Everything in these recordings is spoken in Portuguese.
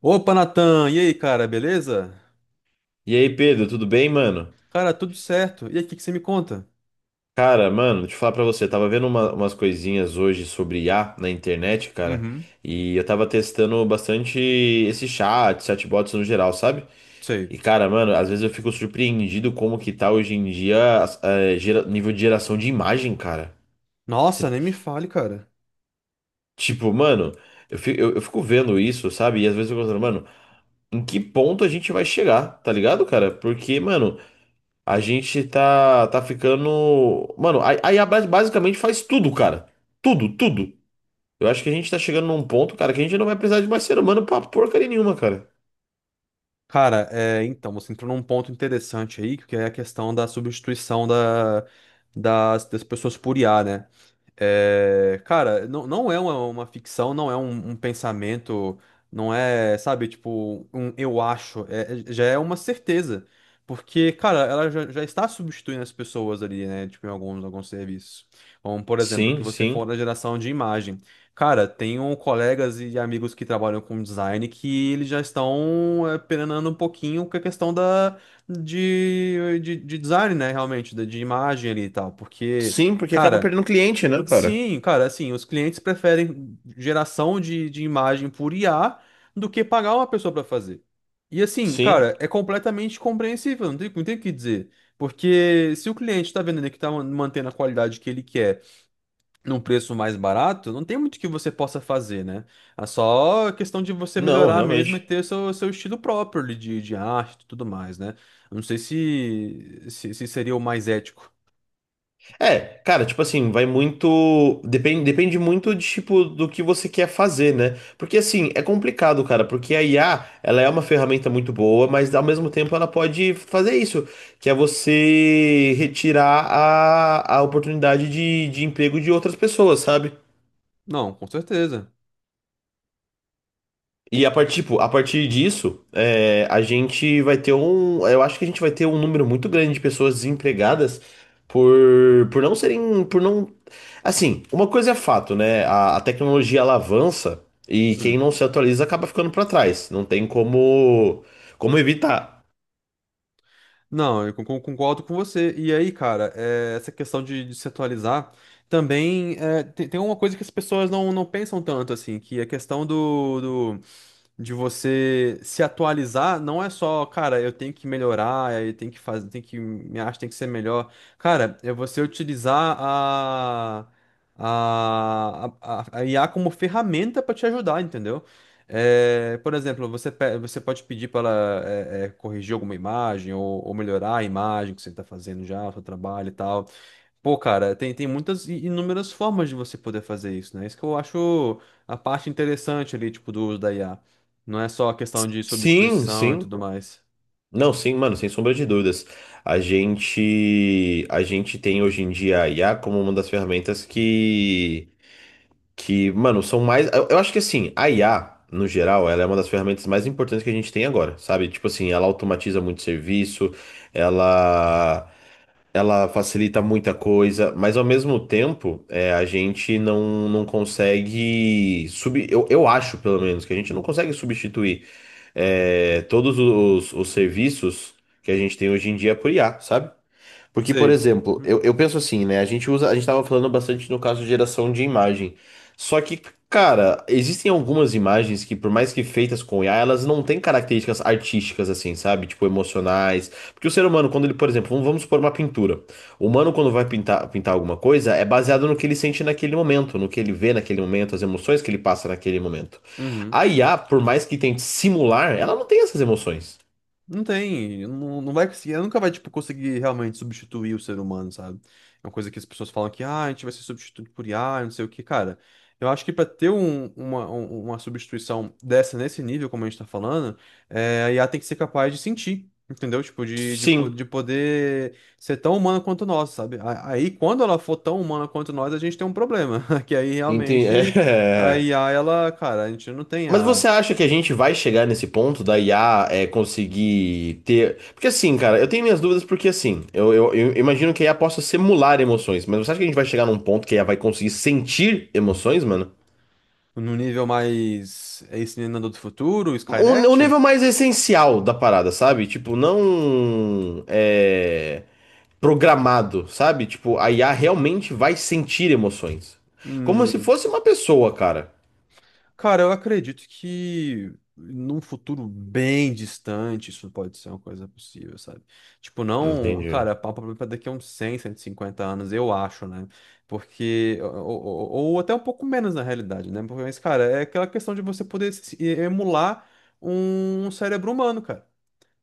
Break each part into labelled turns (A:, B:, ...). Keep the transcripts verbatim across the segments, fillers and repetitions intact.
A: Opa, Natan! E aí, cara, beleza?
B: E aí, Pedro, tudo bem, mano?
A: Cara, tudo certo. E aí, o que que você me conta?
B: Cara, mano, deixa eu falar pra você, eu tava vendo uma- umas coisinhas hoje sobre I A na internet, cara,
A: Uhum.
B: e eu tava testando bastante esse chat, chatbots no geral, sabe?
A: Sei.
B: E, cara, mano, às vezes eu fico surpreendido como que tá hoje em dia as- é, gera- nível de geração de imagem, cara. Cê-
A: Nossa, nem me fale, cara.
B: tipo, mano, eu fico, eu, eu fico vendo isso, sabe? E às vezes eu fico pensando, mano, em que ponto a gente vai chegar, tá ligado, cara? Porque, mano, a gente tá, tá ficando. Mano, a, a I A bas- basicamente faz tudo, cara. Tudo, tudo. Eu acho que a gente tá chegando num ponto, cara, que a gente não vai precisar de mais ser humano pra porcaria nenhuma, cara.
A: Cara, é, então, você entrou num ponto interessante aí, que é a questão da substituição da, das, das pessoas por I A, né? É, cara, não, não é uma, uma ficção, não é um, um pensamento, não é, sabe, tipo, um eu acho, é- é- já é uma certeza. Porque, cara, ela já, já está substituindo as pessoas ali, né? Tipo, em alguns, alguns serviços. Como, por exemplo, que
B: Sim,
A: você for
B: sim.
A: da geração de imagem. Cara, tenho colegas e amigos que trabalham com design que eles já estão é, penando um pouquinho com a questão da, de, de, de design, né? Realmente, da- de imagem ali e tal. Porque.
B: Sim, porque acaba
A: Cara,
B: perdendo cliente, né, cara?
A: sim, cara, assim, os clientes preferem geração de, de imagem por I A do que pagar uma pessoa para fazer. E assim,
B: Sim.
A: cara, é completamente compreensível, não tem, não tem o que dizer. Porque se o cliente está vendo ali que está mantendo a qualidade que ele quer num preço mais barato, não tem muito que você possa fazer, né? É só questão de você
B: Não,
A: melhorar mesmo e
B: realmente.
A: ter seu, seu estilo próprio ali de, de arte e tudo mais, né? Eu não sei se, se, se seria o mais ético.
B: É, cara, tipo assim, vai muito. Depende, depende muito de, tipo, do que você quer fazer, né? Porque assim, é complicado, cara, porque a I A, ela é uma ferramenta muito boa, mas ao mesmo tempo ela pode fazer isso, que é você retirar a, a oportunidade de, de emprego de outras pessoas, sabe?
A: Não, com certeza.
B: E a partir, tipo, a partir disso, é, a gente vai ter um. Eu acho que a gente vai ter um número muito grande de pessoas desempregadas por, por não serem. Por não. Assim, uma coisa é fato, né? A, a tecnologia ela avança e quem
A: Hum.
B: não se atualiza acaba ficando pra trás. Não tem como, como evitar.
A: Não, eu con- con- concordo com você. E aí, cara, é, essa questão de, de se atualizar também é, tem, tem uma coisa que as pessoas não, não pensam tanto, assim, que é a questão do de você se atualizar, não é só, cara, eu tenho que melhorar, eu tenho que fazer, tenho que minha arte tem que ser melhor. Cara, é você utilizar a a, a, a I A como ferramenta para te ajudar, entendeu? É, por exemplo, você, pe- você pode pedir para ela é, é, corrigir alguma imagem ou, ou melhorar a imagem que você está fazendo já, o seu trabalho e tal. Pô, cara, tem, tem muitas e inúmeras formas de você poder fazer isso, né? Isso que eu acho a parte interessante ali, tipo, do uso da I A. Não é só a questão de
B: Sim,
A: substituição e
B: sim.
A: tudo mais.
B: Não, sim, mano, sem sombra de dúvidas. A gente, a gente tem hoje em dia a I A como uma das ferramentas que que, mano, são mais. Eu, eu acho que assim, a I A, no geral, ela é uma das ferramentas mais importantes que a gente tem agora, sabe? Tipo assim, ela automatiza muito serviço, ela. Ela facilita muita coisa, mas ao mesmo tempo, é, a gente não, não consegue sub, eu, eu acho, pelo menos, que a gente não consegue substituir é, todos os, os serviços que a gente tem hoje em dia por I A, sabe? Porque, por
A: Sei.
B: exemplo,
A: Uhum.
B: eu, eu penso assim, né? A gente usa, a gente tava falando bastante no caso de geração de imagem. Só que, cara, existem algumas imagens que, por mais que feitas com I A, elas não têm características artísticas, assim, sabe? Tipo, emocionais. Porque o ser humano, quando ele, por exemplo, vamos, vamos supor uma pintura. O humano, quando vai pintar, pintar alguma coisa, é baseado no que ele sente naquele momento, no que ele vê naquele momento, as emoções que ele passa naquele momento.
A: Uhum.
B: A I A, por mais que tente simular, ela não tem essas emoções.
A: Não tem, não, não vai conseguir, ela nunca vai, tipo, conseguir realmente substituir o ser humano, sabe? É uma coisa que as pessoas falam que, ah, a gente vai ser substituído por I A, não sei o que, cara. Eu acho que pra ter um- uma, um- uma substituição dessa, nesse nível, como a gente tá falando, é, a I A tem que ser capaz de sentir, entendeu? Tipo, de, de, po-
B: Sim,
A: de poder ser tão humana quanto nós, sabe? A- Aí, quando ela for tão humana quanto nós, a gente tem um problema, que aí
B: entendi.
A: realmente a I A, ela, cara, a gente não tem
B: Mas
A: a
B: você acha que a gente vai chegar nesse ponto da I A é, conseguir ter. Porque assim, cara, eu tenho minhas dúvidas porque assim, eu, eu- eu imagino que a I A possa simular emoções, mas você acha que a gente vai chegar num ponto que a I A vai conseguir sentir emoções, mano?
A: no nível mais. É esse Exterminador do Futuro,
B: O, o
A: Skynet?
B: nível mais essencial da parada, sabe? Tipo, não é, programado, sabe? Tipo, a I A realmente vai sentir emoções. Como se
A: Hum.
B: fosse uma pessoa, cara.
A: Cara, eu acredito que num futuro bem distante isso pode ser uma coisa possível, sabe? Tipo, não.
B: Entendi.
A: Cara, papo pra daqui a uns cem, cento e cinquenta anos, eu acho, né? Porque. Ou, ou- ou até um pouco menos na realidade, né? Porque, mas, cara, é aquela questão de você poder se- emular um cérebro humano, cara.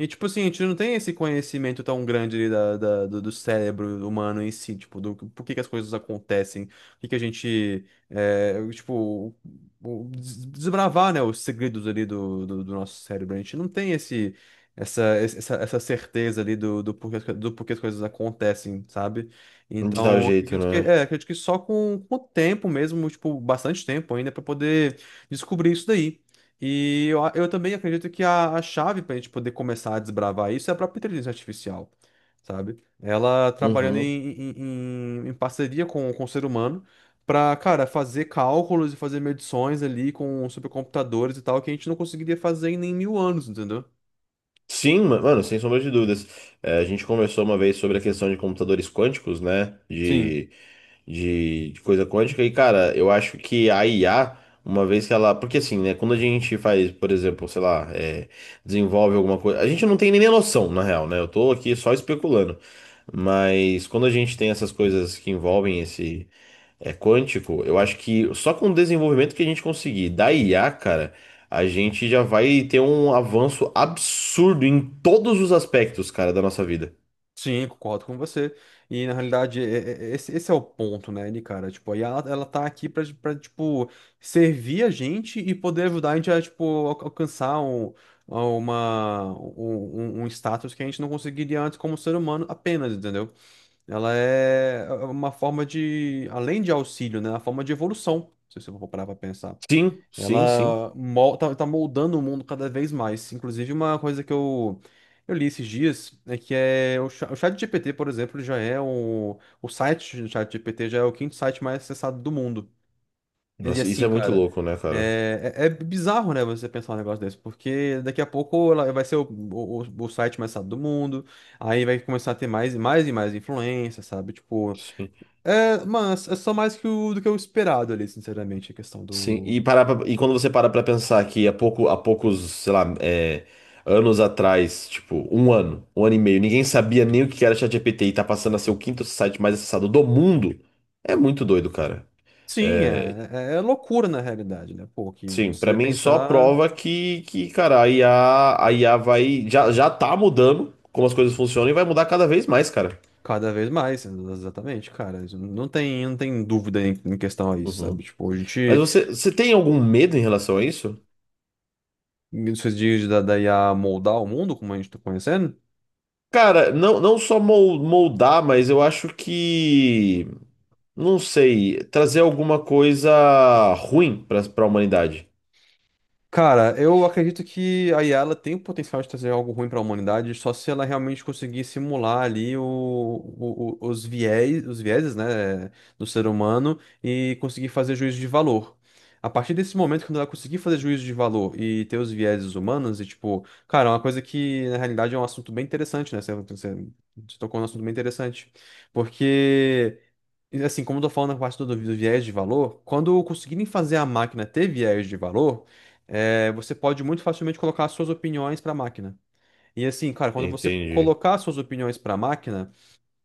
A: E, tipo assim, a gente não tem esse conhecimento tão grande ali da, da- do, do cérebro humano em si, tipo, do por que que as coisas acontecem, o que que a gente, é, tipo, o- des- desbravar, né, os segredos ali do, do, do nosso cérebro. A gente não tem esse, essa, essa, essa certeza ali do, do porquê, as co- do porquê as coisas acontecem, sabe?
B: De tal
A: Então,
B: jeito,
A: acredito que,
B: né?
A: é, acredito que só com, com o tempo mesmo, tipo, bastante tempo ainda, para poder descobrir isso daí. E eu, a- eu também acredito que a, a chave para a gente poder começar a desbravar isso é a própria inteligência artificial, sabe? Ela trabalhando
B: Uhum.
A: em, em, em- em parceria com, com o ser humano para, cara, fazer cálculos e fazer medições ali com supercomputadores e tal que a gente não conseguiria fazer em nem mil anos, entendeu?
B: Sim, ma- mano, sem sombra de dúvidas. É, a gente conversou uma vez sobre a questão de computadores quânticos, né?
A: Sim.
B: De, de, de coisa quântica. E, cara, eu acho que a I A, uma vez que ela. Porque, assim, né? Quando a gente faz, por exemplo, sei lá, é, desenvolve alguma coisa. A gente não tem nem noção, na real, né? Eu tô aqui só especulando. Mas quando a gente tem essas coisas que envolvem esse. É quântico, eu acho que só com o desenvolvimento que a gente conseguir da I A, cara, a gente já vai ter um avanço absurdo em todos os aspectos, cara, da nossa vida.
A: Sim, concordo com você. E na realidade, é- é- é- esse, esse é o ponto, né, Ni, cara? Tipo, aí ela, ela tá aqui pra, pra, tipo, servir a gente e poder ajudar a gente a, tipo, al- alcançar um, a uma, um, um um status que a gente não conseguiria antes como ser humano apenas, entendeu? Ela é é uma forma de, além de auxílio, né, uma forma de evolução, se você for parar pra pensar.
B: Sim, sim, sim.
A: Ela mol- tá, tá moldando o mundo cada vez mais. Inclusive, uma coisa que eu, eu li esses dias é que é o, cha- o ChatGPT, por exemplo, já é o, o site do ChatGPT já é o quinto site mais acessado do mundo. E
B: Nossa, isso
A: assim,
B: é muito
A: cara,
B: louco, né, cara?
A: é, é, é bizarro, né, você pensar um negócio desse, porque daqui a pouco ela vai ser o, o, o site mais acessado do mundo, aí vai começar a ter mais e mais e mais influência, sabe? Tipo,
B: Sim,
A: é, mas é só mais que o, do que o esperado ali, sinceramente, a questão
B: sim. E, parar pra- e quando você para pra pensar que há pouco, há poucos, sei lá, é, anos atrás, tipo, um ano, um ano e meio, ninguém sabia nem o que era ChatGPT e tá passando a ser o quinto site mais acessado do mundo, é muito doido, cara.
A: sim,
B: É,
A: é, é é loucura na realidade, né? Pô, que
B: sim, pra
A: você
B: mim só
A: pensar
B: prova que, que cara, a I A, a I A vai. Já, já tá mudando como as coisas funcionam e vai mudar cada vez mais, cara.
A: cada vez mais, né? Exatamente, cara. Isso não tem, não tem dúvida em, em questão a isso,
B: Uhum.
A: sabe? Tipo, a
B: Mas
A: gente,
B: você, você tem algum medo em relação a isso?
A: nesses dias da, da I A moldar o mundo, como a gente tá conhecendo,
B: Cara, não, não só mol- moldar, mas eu acho que. Não sei, trazer alguma coisa ruim pra, pra humanidade.
A: cara, eu acredito que a I A ela tem o potencial de trazer algo ruim para a humanidade, só se ela realmente conseguir simular ali o, o- o- os viés, os vieses, né, do ser humano e conseguir fazer juízo de valor. A partir desse momento, quando ela conseguir fazer juízo de valor e ter os vieses humanos, e tipo, cara, é uma coisa que na realidade é um assunto bem interessante, né? Você, você, você tocou num assunto bem interessante. Porque. E, assim, como eu tô falando na parte do, do viés de valor, quando conseguirem fazer a máquina ter viés de valor, é, você pode muito facilmente colocar as suas opiniões para a máquina. E assim, cara, quando você
B: Entendi.
A: colocar as suas opiniões para a máquina,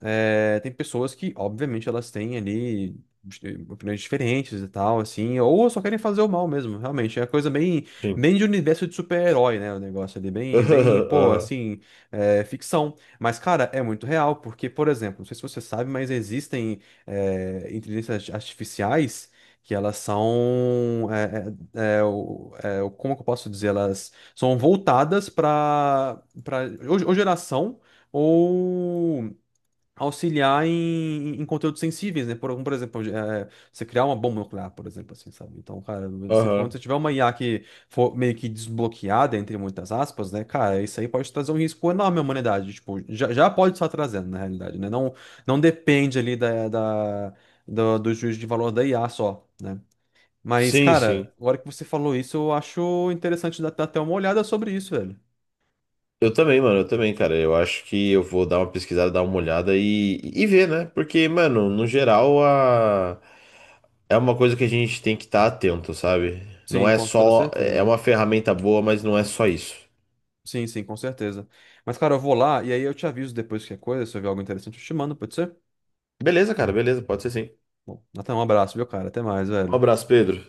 A: é, tem pessoas que, obviamente, elas têm ali eh, opiniões diferentes e tal, assim, ou só querem fazer o mal mesmo, realmente. É coisa bem,
B: Sim.
A: bem de universo de super-herói, né? O negócio ali, bem, bem, pô,
B: Aham,
A: assim, é, ficção. Mas, cara, é muito real, porque, por exemplo, não sei se você sabe, mas existem é, inteligências artificiais. Que elas são. é, é, é, o- é, o- como que eu posso dizer? Elas são voltadas para. para, Ou, ou geração, ou auxiliar em, em conteúdos sensíveis, né? Por, algum- por exemplo, eh, você criar uma bomba nuclear, por exemplo, assim, sabe? Então, cara, você, quando
B: aham.
A: você tiver uma I A que for meio que desbloqueada, entre muitas aspas, né? Cara, isso aí pode trazer um risco enorme à humanidade. Tipo, já, já pode estar trazendo, na realidade, né? Não, não depende ali da, da, do, do juízo de valor da I A só, né? Mas,
B: Sim,
A: cara,
B: sim.
A: agora que você falou isso, eu acho interessante dar dar até uma olhada sobre isso, velho.
B: Eu também, mano, eu também, cara. Eu acho que eu vou dar uma pesquisada, dar uma olhada e, e ver, né? Porque, mano, no geral, a... é uma coisa que a gente tem que estar atento, sabe? Não
A: Sim,
B: é
A: com toda
B: só. É
A: certeza.
B: uma ferramenta boa, mas não é só isso.
A: Sim, sim, com certeza. Mas, cara, eu vou lá e aí eu te aviso depois que é coisa, se eu ver algo interessante, eu te mando, pode ser?
B: Beleza, cara, beleza, pode ser sim.
A: Bom, até um abraço, viu, cara? Até mais,
B: Um
A: velho.
B: abraço, Pedro.